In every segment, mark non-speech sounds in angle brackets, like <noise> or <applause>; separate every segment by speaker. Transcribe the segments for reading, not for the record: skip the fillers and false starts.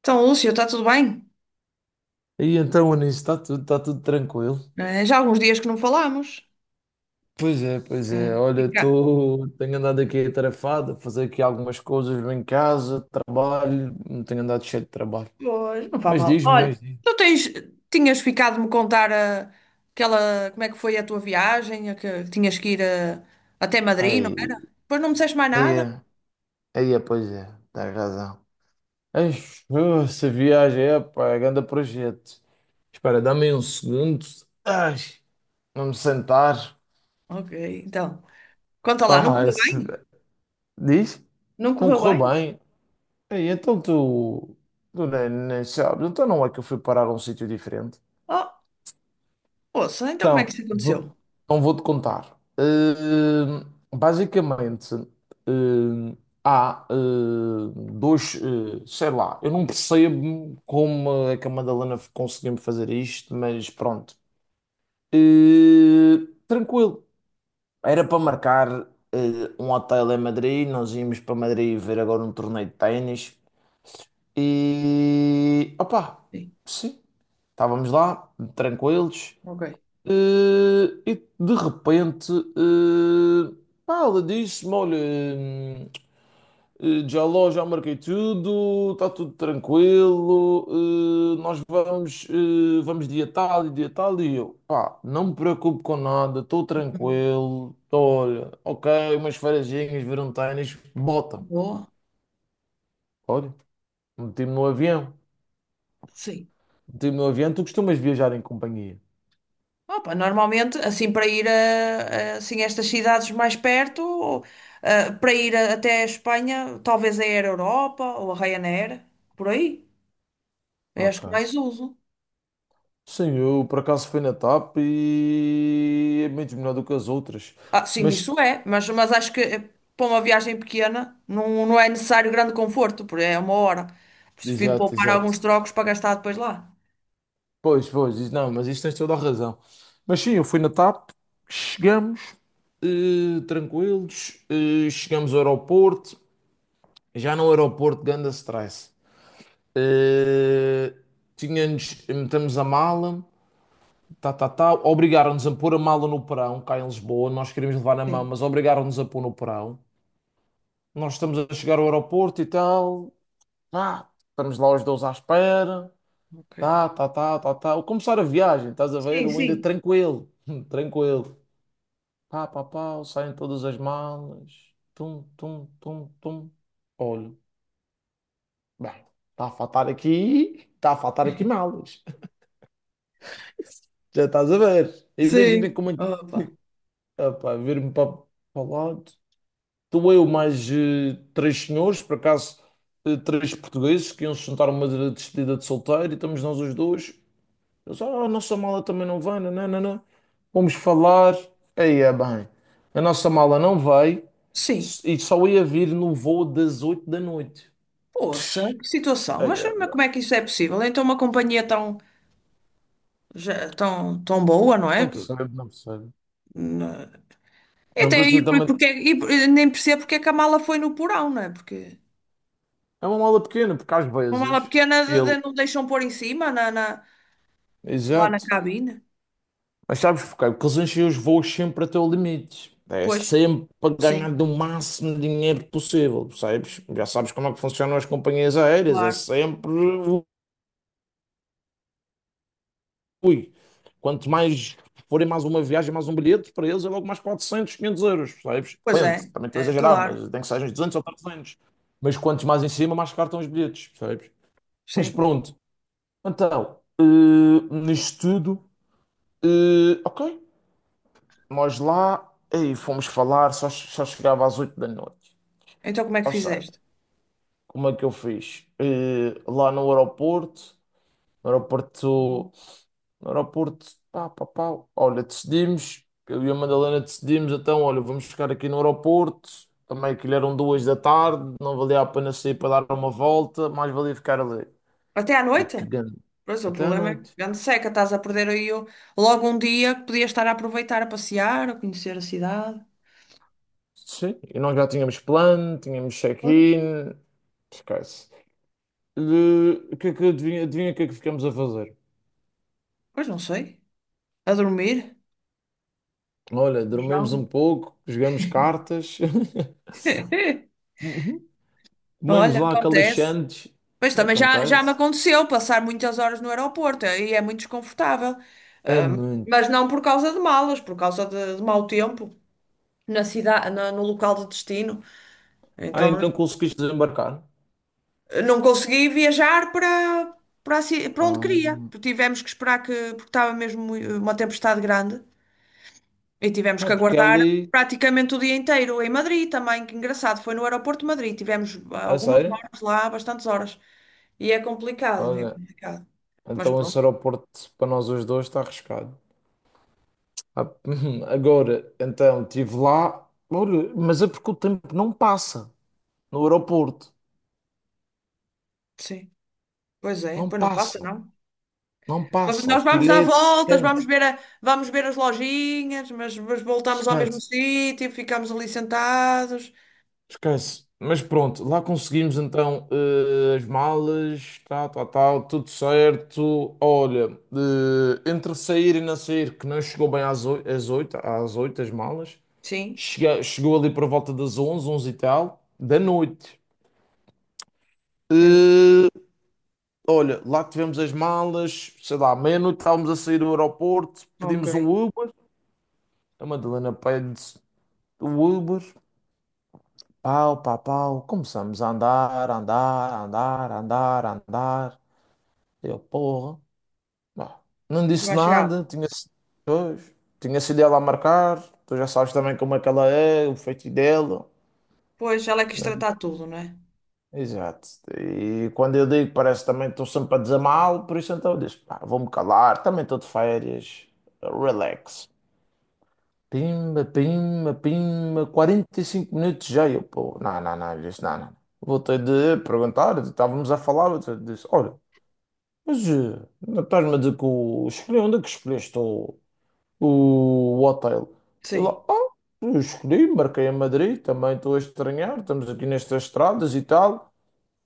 Speaker 1: Então, Lúcio, está tudo bem?
Speaker 2: E então, Anísio, está tudo tranquilo?
Speaker 1: Já há alguns dias que não falámos.
Speaker 2: Pois é, pois é.
Speaker 1: Eh,
Speaker 2: Olha,
Speaker 1: fica-
Speaker 2: tenho andado aqui atarefado, a fazer aqui algumas coisas em casa, trabalho, não tenho andado cheio de trabalho.
Speaker 1: Pois, não faz
Speaker 2: Mas
Speaker 1: mal.
Speaker 2: diz-me, mas
Speaker 1: Olha,
Speaker 2: diz-me.
Speaker 1: tu tens, tinhas ficado de me contar aquela, como é que foi a tua viagem, a que tinhas que ir até Madrid, não era?
Speaker 2: Aí,
Speaker 1: Depois não me disseste mais
Speaker 2: aí,
Speaker 1: nada?
Speaker 2: é, pois é, tens razão. Ei, essa viagem é, pá, é grande projeto. Espera, dá-me um segundo. Ai, vamos sentar.
Speaker 1: Ok, então. Conta lá, não
Speaker 2: Pá,
Speaker 1: correu bem?
Speaker 2: diz?
Speaker 1: Não
Speaker 2: Não
Speaker 1: correu
Speaker 2: correu
Speaker 1: bem?
Speaker 2: bem. Ei, então tu nem sabes, então não é que eu fui parar a um sítio diferente.
Speaker 1: Oh, ouça, então como é
Speaker 2: Então,
Speaker 1: que isso
Speaker 2: vou,
Speaker 1: aconteceu?
Speaker 2: então vou-te contar. Basicamente, hum, há dois, sei lá, eu não percebo como é que a Madalena conseguiu-me fazer isto, mas pronto. Tranquilo. Era para marcar um hotel em Madrid, nós íamos para Madrid ver agora um torneio de ténis e, opá.
Speaker 1: Sim,
Speaker 2: Sim. Estávamos lá, tranquilos,
Speaker 1: ok.
Speaker 2: e de repente, eh, pá, ela disse-me: Olha, já marquei tudo, está tudo tranquilo, nós vamos, vamos dia tal. E eu, pá, não me preocupo com nada, estou
Speaker 1: Uhum.
Speaker 2: tranquilo, tô, olha, ok, umas farejinhas, ver um ténis, bota.
Speaker 1: Boa.
Speaker 2: Olha, meti-me no avião, meti-me no avião, tu costumas viajar em companhia,
Speaker 1: Opa, normalmente, assim, para ir assim, estas cidades mais perto, ou, para ir até a Espanha, talvez é a Air Europa ou a Ryanair, por aí. Eu acho que
Speaker 2: ok.
Speaker 1: mais uso.
Speaker 2: Sim, eu por acaso fui na TAP e é muito melhor do que as outras.
Speaker 1: Ah, sim,
Speaker 2: Mas,
Speaker 1: isso é, mas acho que para uma viagem pequena não, não é necessário grande conforto, porque é uma hora. Prefiro
Speaker 2: exato,
Speaker 1: poupar alguns
Speaker 2: exato.
Speaker 1: trocos para gastar depois lá.
Speaker 2: Pois, pois, não, mas isto tens toda a razão. Mas sim, eu fui na TAP, chegamos, tranquilos, chegamos ao aeroporto, já no aeroporto, ganda stress. Eh, metemos a mala, tá, tá, tá, obrigaram-nos a pôr a mala no porão, cá em Lisboa, nós queríamos levar na mão,
Speaker 1: Sim.
Speaker 2: mas obrigaram-nos a pôr no porão. Nós estamos a chegar ao aeroporto e tal. Pá, estamos lá os dois à espera.
Speaker 1: Ok.
Speaker 2: Tá, tá, tá, tá, tá. Ao começar a viagem, estás a ver?
Speaker 1: Sim,
Speaker 2: Eu ainda
Speaker 1: sim.
Speaker 2: tranquilo, <laughs> tranquilo. Pá, pá, pá, saem todas as malas. Tum, tum, tum, tum. Olho, bem, está a faltar aqui malas. <laughs> Já estás a ver? Imagina
Speaker 1: Sim.
Speaker 2: como é que.
Speaker 1: Opa.
Speaker 2: <laughs> Ah, pá, vir-me para o lado. Estou eu mais três senhores, por acaso três portugueses que iam se juntar a uma despedida de solteiro e estamos nós os dois. Eles, oh, a nossa mala também não vai, não, não, não. não." Vamos falar. Aí é bem. A nossa mala não vai
Speaker 1: Sim.
Speaker 2: e só ia vir no voo das 8 da noite.
Speaker 1: Poxa, que situação.
Speaker 2: Aí é
Speaker 1: Mas como é
Speaker 2: bem.
Speaker 1: que isso é possível? Então, uma companhia tão, tão, tão boa, não é?
Speaker 2: Não percebo, não percebo.
Speaker 1: Então, e
Speaker 2: Não
Speaker 1: até
Speaker 2: percebo
Speaker 1: aí,
Speaker 2: também.
Speaker 1: porque, e eu nem percebo porque é que a mala foi no porão, não é? Porque
Speaker 2: É uma mala pequena, porque às
Speaker 1: uma mala
Speaker 2: vezes
Speaker 1: pequena
Speaker 2: ele.
Speaker 1: não deixam pôr em cima, lá na
Speaker 2: Exato.
Speaker 1: cabine.
Speaker 2: Mas sabes porquê? Porque eles enchem os voos sempre até o limite. É
Speaker 1: Pois,
Speaker 2: sempre para ganhar
Speaker 1: sim,
Speaker 2: do máximo de dinheiro possível, percebes? Já sabes como é que funcionam as companhias aéreas. É
Speaker 1: claro.
Speaker 2: sempre Ui, quanto mais forem mais uma viagem, mais um bilhete, para eles é logo mais 400 500 euros, sabes?
Speaker 1: Pois
Speaker 2: Depende,
Speaker 1: é,
Speaker 2: também estou a
Speaker 1: é,
Speaker 2: exagerar,
Speaker 1: claro,
Speaker 2: mas tem que ser uns 200 ou 300. Mas quantos mais em cima, mais caros estão os bilhetes, sabes? Mas
Speaker 1: sim.
Speaker 2: pronto, então, nisto tudo, ok, nós lá, aí fomos falar, só chegava às 8 da noite.
Speaker 1: Então, como é que
Speaker 2: Ou seja,
Speaker 1: fizeste?
Speaker 2: como é que eu fiz? Lá no aeroporto, no aeroporto no aeroporto, pá, pá, pá, olha, decidimos, eu e a Madalena decidimos, então, olha, vamos ficar aqui no aeroporto, também que eram 2 da tarde, não valia a pena sair para dar uma volta, mais valia ficar ali.
Speaker 1: Até à
Speaker 2: E
Speaker 1: noite?
Speaker 2: que grande,
Speaker 1: Pois, o
Speaker 2: até à
Speaker 1: problema é que
Speaker 2: noite.
Speaker 1: grande seca, estás a perder aí logo um dia que podias estar a aproveitar, a passear, a conhecer a cidade.
Speaker 2: Sim, e nós já tínhamos plano, tínhamos
Speaker 1: Pois.
Speaker 2: check-in, esquece. Eh, O que é que adivinha, adivinha o que é que ficamos a fazer?
Speaker 1: Pois não sei. A dormir?
Speaker 2: Olha, dormimos um
Speaker 1: João.
Speaker 2: pouco, jogamos cartas,
Speaker 1: <laughs>
Speaker 2: <laughs> comemos
Speaker 1: Olha,
Speaker 2: lá aquelas
Speaker 1: acontece.
Speaker 2: chandes,
Speaker 1: Pois
Speaker 2: não
Speaker 1: também já, já me
Speaker 2: acontece?
Speaker 1: aconteceu passar muitas horas no aeroporto e é muito desconfortável.
Speaker 2: É
Speaker 1: Ahm,
Speaker 2: muito.
Speaker 1: mas não por causa de malas, por causa de mau tempo na cidade, no local de destino. Então
Speaker 2: Ai, não conseguiste desembarcar?
Speaker 1: não consegui viajar para, para, para onde
Speaker 2: Ah,
Speaker 1: queria. Tivemos que esperar que, porque estava mesmo uma tempestade grande. E tivemos
Speaker 2: pá,
Speaker 1: que
Speaker 2: porque é
Speaker 1: aguardar
Speaker 2: ali,
Speaker 1: praticamente o dia inteiro em Madrid também, que engraçado, foi no aeroporto de Madrid, tivemos
Speaker 2: a
Speaker 1: algumas
Speaker 2: sério?
Speaker 1: horas lá, bastantes horas. E é complicado, é
Speaker 2: Olha,
Speaker 1: complicado. Mas
Speaker 2: então esse
Speaker 1: pronto,
Speaker 2: aeroporto para nós os dois está arriscado. Ah, <laughs> agora, então, estive lá, olha, mas é porque o tempo não passa no aeroporto.
Speaker 1: sim. Pois é,
Speaker 2: Não
Speaker 1: pois não passa,
Speaker 2: passa,
Speaker 1: não.
Speaker 2: não
Speaker 1: Mas
Speaker 2: passa.
Speaker 1: nós vamos
Speaker 2: Aquilo
Speaker 1: dar
Speaker 2: é
Speaker 1: voltas, vamos
Speaker 2: secante,
Speaker 1: ver, vamos ver as lojinhas, mas voltamos ao mesmo
Speaker 2: secante.
Speaker 1: sítio, ficamos ali sentados.
Speaker 2: Esquece. Mas pronto, lá conseguimos então as malas, tal, tal, tal, tudo certo. Olha, entre sair e não sair, que não chegou bem às oito, as malas,
Speaker 1: Sim,
Speaker 2: Chega- chegou ali por volta das 11, 11 e tal, da noite.
Speaker 1: é,
Speaker 2: Eh, olha, lá tivemos as malas, sei lá, meia-noite estávamos a sair do aeroporto,
Speaker 1: ok.
Speaker 2: pedimos um Uber, a Madalena pede o Uber, Pau, pau, pau. Começamos a andar, andar, andar, andar, andar. Eu, porra. Bah, não
Speaker 1: Nunca
Speaker 2: disse
Speaker 1: mais chegado.
Speaker 2: nada. Tinha, pois, tinha sido ela a marcar. Tu já sabes também como é que ela é, o feito dela.
Speaker 1: Pois, ela é que quis
Speaker 2: Não-
Speaker 1: tratar tudo, não é?
Speaker 2: Exato. E quando eu digo, parece também que estou sempre a dizer mal. Por isso então eu disse, pá, vou-me calar. Também estou de férias. Relax. Pimba, pimba, pimba, 45 minutos já. E eu, pô, não, não, não, ele disse, não, não. Voltei de perguntar, estávamos a falar, eu disse, olha, mas não estás-me a dizer que escolhi, onde é que escolheste o hotel? Ele,
Speaker 1: Sim.
Speaker 2: ah, eu escolhi, marquei a Madrid, também estou a estranhar, estamos aqui nestas estradas e tal.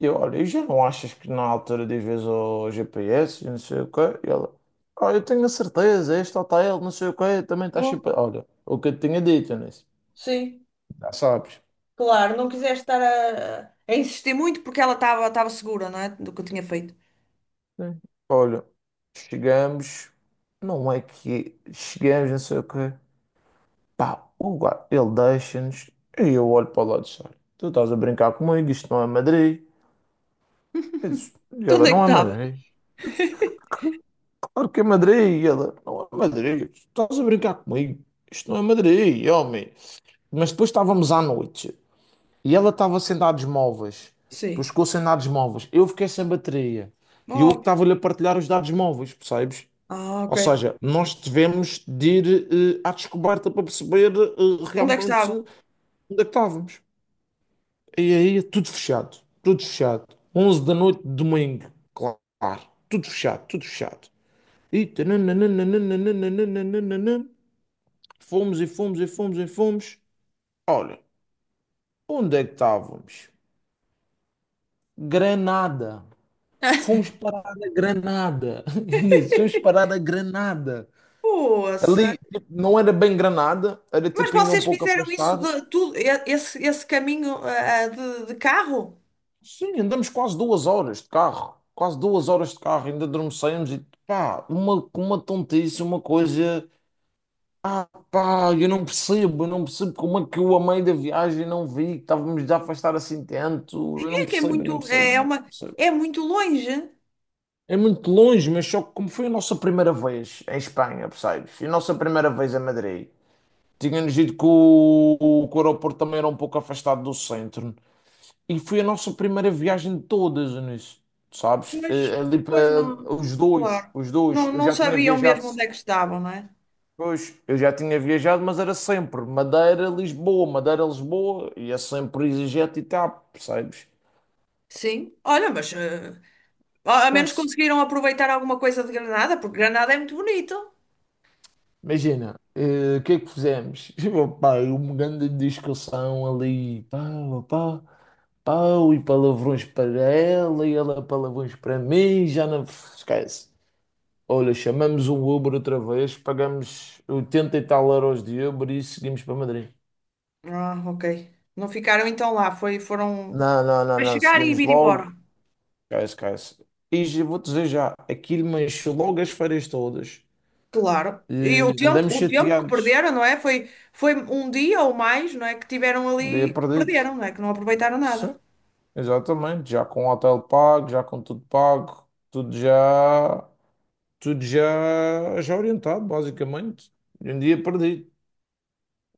Speaker 2: Eu, olha, e já não achas que na altura dizes ao GPS, e não sei o quê, e ela, ah, eu tenho a certeza, este hotel, não sei o quê, também está
Speaker 1: Bom,
Speaker 2: chip. Olha, o que eu te tinha dito, nisso,
Speaker 1: sim.
Speaker 2: já sabes.
Speaker 1: Claro, não quiseste estar a insistir muito porque ela estava segura, não é? Do que eu tinha feito.
Speaker 2: Sim. Olha, chegamos, não é que chegamos, não sei o quê, pá, o lugar, ele deixa-nos, e eu olho para o lado e disse, olha, tu estás a brincar comigo, isto não é Madrid. Eu disse, e
Speaker 1: Então,
Speaker 2: ela,
Speaker 1: onde é que
Speaker 2: não é
Speaker 1: estava?
Speaker 2: Madrid. Claro que é Madrid. E ela, não é Madrid. Estás a brincar comigo? Isto não é Madrid, homem. Mas depois estávamos à noite e ela estava sem dados móveis. Depois
Speaker 1: Sim.
Speaker 2: ficou sem dados móveis. Eu fiquei sem bateria. E eu que
Speaker 1: Oh,
Speaker 2: estava-lhe a partilhar os dados móveis, percebes?
Speaker 1: ah, ok.
Speaker 2: Ou seja, nós tivemos de ir à descoberta para perceber
Speaker 1: Onde é que
Speaker 2: realmente
Speaker 1: estava?
Speaker 2: onde é que estávamos. E aí, é tudo fechado. Tudo fechado. 11 da noite, domingo. Claro. Tudo fechado, tudo fechado, ita nananananananananan, fomos e fomos e fomos e fomos. Olha, onde é que estávamos? Granada. fomos para a Granada fomos para
Speaker 1: <laughs>
Speaker 2: a Granada
Speaker 1: Poça.
Speaker 2: Ali não era bem Granada, era
Speaker 1: Mas
Speaker 2: tipo ainda um
Speaker 1: vocês
Speaker 2: pouco
Speaker 1: fizeram isso
Speaker 2: afastado.
Speaker 1: de tudo, esse, esse caminho de carro?
Speaker 2: Sim, andamos quase 2 horas de carro, quase 2 horas de carro, ainda dormíamos, e pa, uma tontice, uma coisa. Ah, pá, eu não percebo como é que eu, a meio da viagem, não vi que estávamos a afastar assim tanto. Eu não
Speaker 1: É que é
Speaker 2: percebo, eu não
Speaker 1: muito,
Speaker 2: percebo,
Speaker 1: é,
Speaker 2: eu
Speaker 1: é
Speaker 2: não
Speaker 1: uma,
Speaker 2: percebo.
Speaker 1: é muito longe,
Speaker 2: É muito longe, mas só que como foi a nossa primeira vez em Espanha, percebes? E a nossa primeira vez em Madrid. Tínhamos ido que o, que o aeroporto também era um pouco afastado do centro. E foi a nossa primeira viagem de todas, nisso. Sabes?
Speaker 1: mas
Speaker 2: Ali
Speaker 1: pois
Speaker 2: para
Speaker 1: não, claro,
Speaker 2: os dois.
Speaker 1: não,
Speaker 2: Eu
Speaker 1: não
Speaker 2: já tinha
Speaker 1: sabiam
Speaker 2: viajado.
Speaker 1: mesmo onde é que estavam, não é?
Speaker 2: Pois, eu já tinha viajado, mas era sempre Madeira, Lisboa, Madeira, Lisboa, e é sempre EasyJet e TAP, percebes?
Speaker 1: Sim, olha, mas a ao menos
Speaker 2: Esquece.
Speaker 1: conseguiram aproveitar alguma coisa de Granada, porque Granada é muito bonito.
Speaker 2: Imagina, o que é que fizemos? <laughs> Pá, é uma grande discussão ali, pau, pau, pau, e palavrões para ela, e ela palavrões para mim, já não esquece. Olha, chamamos um Uber outra vez, pagamos 80 e tal euros de Uber e seguimos para Madrid.
Speaker 1: Ah, ok. Não ficaram então lá, foi, foram
Speaker 2: Não, não, não,
Speaker 1: para
Speaker 2: não,
Speaker 1: chegar e
Speaker 2: seguimos
Speaker 1: vir embora.
Speaker 2: logo. Esquece, esquece. E já vou dizer já, aquilo mexeu logo as feiras todas.
Speaker 1: Claro.
Speaker 2: E
Speaker 1: E
Speaker 2: andamos
Speaker 1: o tempo que
Speaker 2: chateados.
Speaker 1: perderam, não é? Foi, foi um dia ou mais, não é? Que tiveram
Speaker 2: Um dia
Speaker 1: ali, que
Speaker 2: perdido.
Speaker 1: perderam, não é? Que não aproveitaram nada.
Speaker 2: Sim, exatamente. Já com o hotel pago, já com tudo pago, tudo já, já orientado, basicamente. E um dia perdido.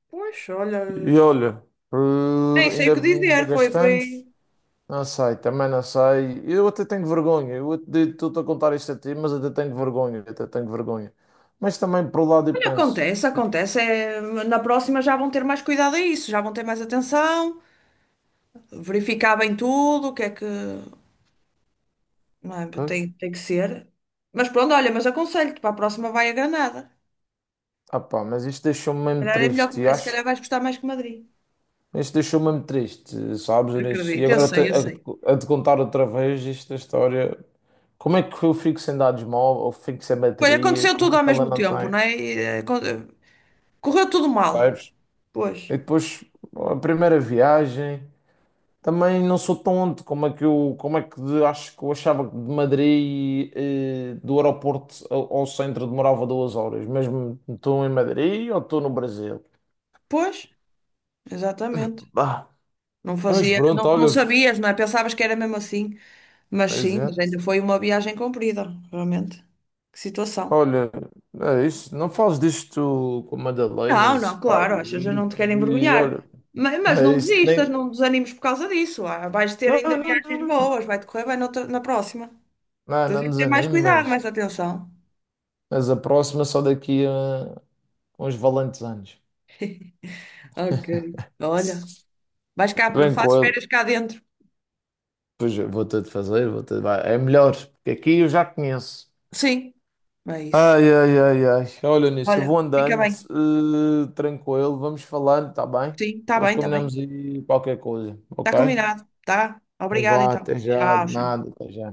Speaker 1: Pois, olha,
Speaker 2: E olha,
Speaker 1: nem sei o
Speaker 2: ainda,
Speaker 1: que
Speaker 2: ainda
Speaker 1: dizer, foi, foi.
Speaker 2: gastamos. Não sei, também não sei. Eu até tenho vergonha. Eu até estou a contar isto a ti, mas até tenho vergonha. Até tenho vergonha. Mas também, por um lado, eu
Speaker 1: Olha,
Speaker 2: penso.
Speaker 1: acontece, acontece. É, na próxima já vão ter mais cuidado a isso, já vão ter mais atenção, verificar bem tudo, o que é que. Não é?
Speaker 2: Pois.
Speaker 1: Tem, tem que ser. Mas pronto, olha, mas aconselho-te, para a próxima vai a Granada.
Speaker 2: Ah pá, mas isto deixou-me
Speaker 1: Se
Speaker 2: mesmo
Speaker 1: calhar é melhor,
Speaker 2: triste, e
Speaker 1: se
Speaker 2: acho.
Speaker 1: calhar vais gostar mais que Madrid.
Speaker 2: Isto deixou-me mesmo triste, sabes, Inês? E
Speaker 1: Acredito, eu
Speaker 2: agora
Speaker 1: sei, eu sei.
Speaker 2: a te contar outra vez esta história. Como é que eu fico sem dados móvel, fico sem
Speaker 1: Pois
Speaker 2: bateria?
Speaker 1: aconteceu tudo
Speaker 2: Como é que
Speaker 1: ao
Speaker 2: ela
Speaker 1: mesmo
Speaker 2: não
Speaker 1: tempo,
Speaker 2: tem,
Speaker 1: não é? Correu tudo mal.
Speaker 2: sabes?
Speaker 1: Pois,
Speaker 2: E depois, a primeira viagem, também não sou tonto. Como é que eu, como é que acho que eu achava que de Madrid, do aeroporto ao centro demorava 2 horas, mesmo estou em Madrid ou estou no Brasil?
Speaker 1: pois, exatamente.
Speaker 2: Bah,
Speaker 1: Não
Speaker 2: mas
Speaker 1: fazia,
Speaker 2: pronto,
Speaker 1: não, não
Speaker 2: olha,
Speaker 1: sabias, não é? Pensavas que era mesmo assim. Mas sim, mas ainda
Speaker 2: exato.
Speaker 1: foi uma viagem comprida, realmente. Que situação.
Speaker 2: Olha, é isso. Não fales disto com
Speaker 1: Não,
Speaker 2: Madalenas,
Speaker 1: não,
Speaker 2: pá.
Speaker 1: claro, as pessoas não te querem
Speaker 2: E olha,
Speaker 1: envergonhar. Mas não
Speaker 2: é isso.
Speaker 1: desistas,
Speaker 2: Nem...
Speaker 1: não desanimes por causa disso. Ah, vais ter
Speaker 2: Não,
Speaker 1: ainda
Speaker 2: não, não,
Speaker 1: viagens
Speaker 2: não, não.
Speaker 1: boas, vai-te correr bem noutra- na próxima.
Speaker 2: Não,
Speaker 1: Tens é
Speaker 2: não
Speaker 1: que ter mais
Speaker 2: desanime,
Speaker 1: cuidado, mais atenção.
Speaker 2: mas a próxima é só daqui a uns valentes anos.
Speaker 1: Ok, olha, vais cá, fazes
Speaker 2: Tranquilo.
Speaker 1: férias cá dentro.
Speaker 2: Pois eu vou ter de fazer, vou ter de... vai, é melhor, porque aqui eu já conheço.
Speaker 1: Sim, é isso.
Speaker 2: Ai, ai, ai, ai. Olha nisso, eu vou
Speaker 1: Olha, fica
Speaker 2: andando,
Speaker 1: bem.
Speaker 2: tranquilo, vamos falando, tá bem?
Speaker 1: Sim, está
Speaker 2: Depois
Speaker 1: bem, está bem.
Speaker 2: combinamos aí qualquer coisa,
Speaker 1: Está
Speaker 2: ok?
Speaker 1: combinado, tá?
Speaker 2: Não
Speaker 1: Obrigada
Speaker 2: vá
Speaker 1: então.
Speaker 2: até já,
Speaker 1: Tchau, tchau.
Speaker 2: nada, até já.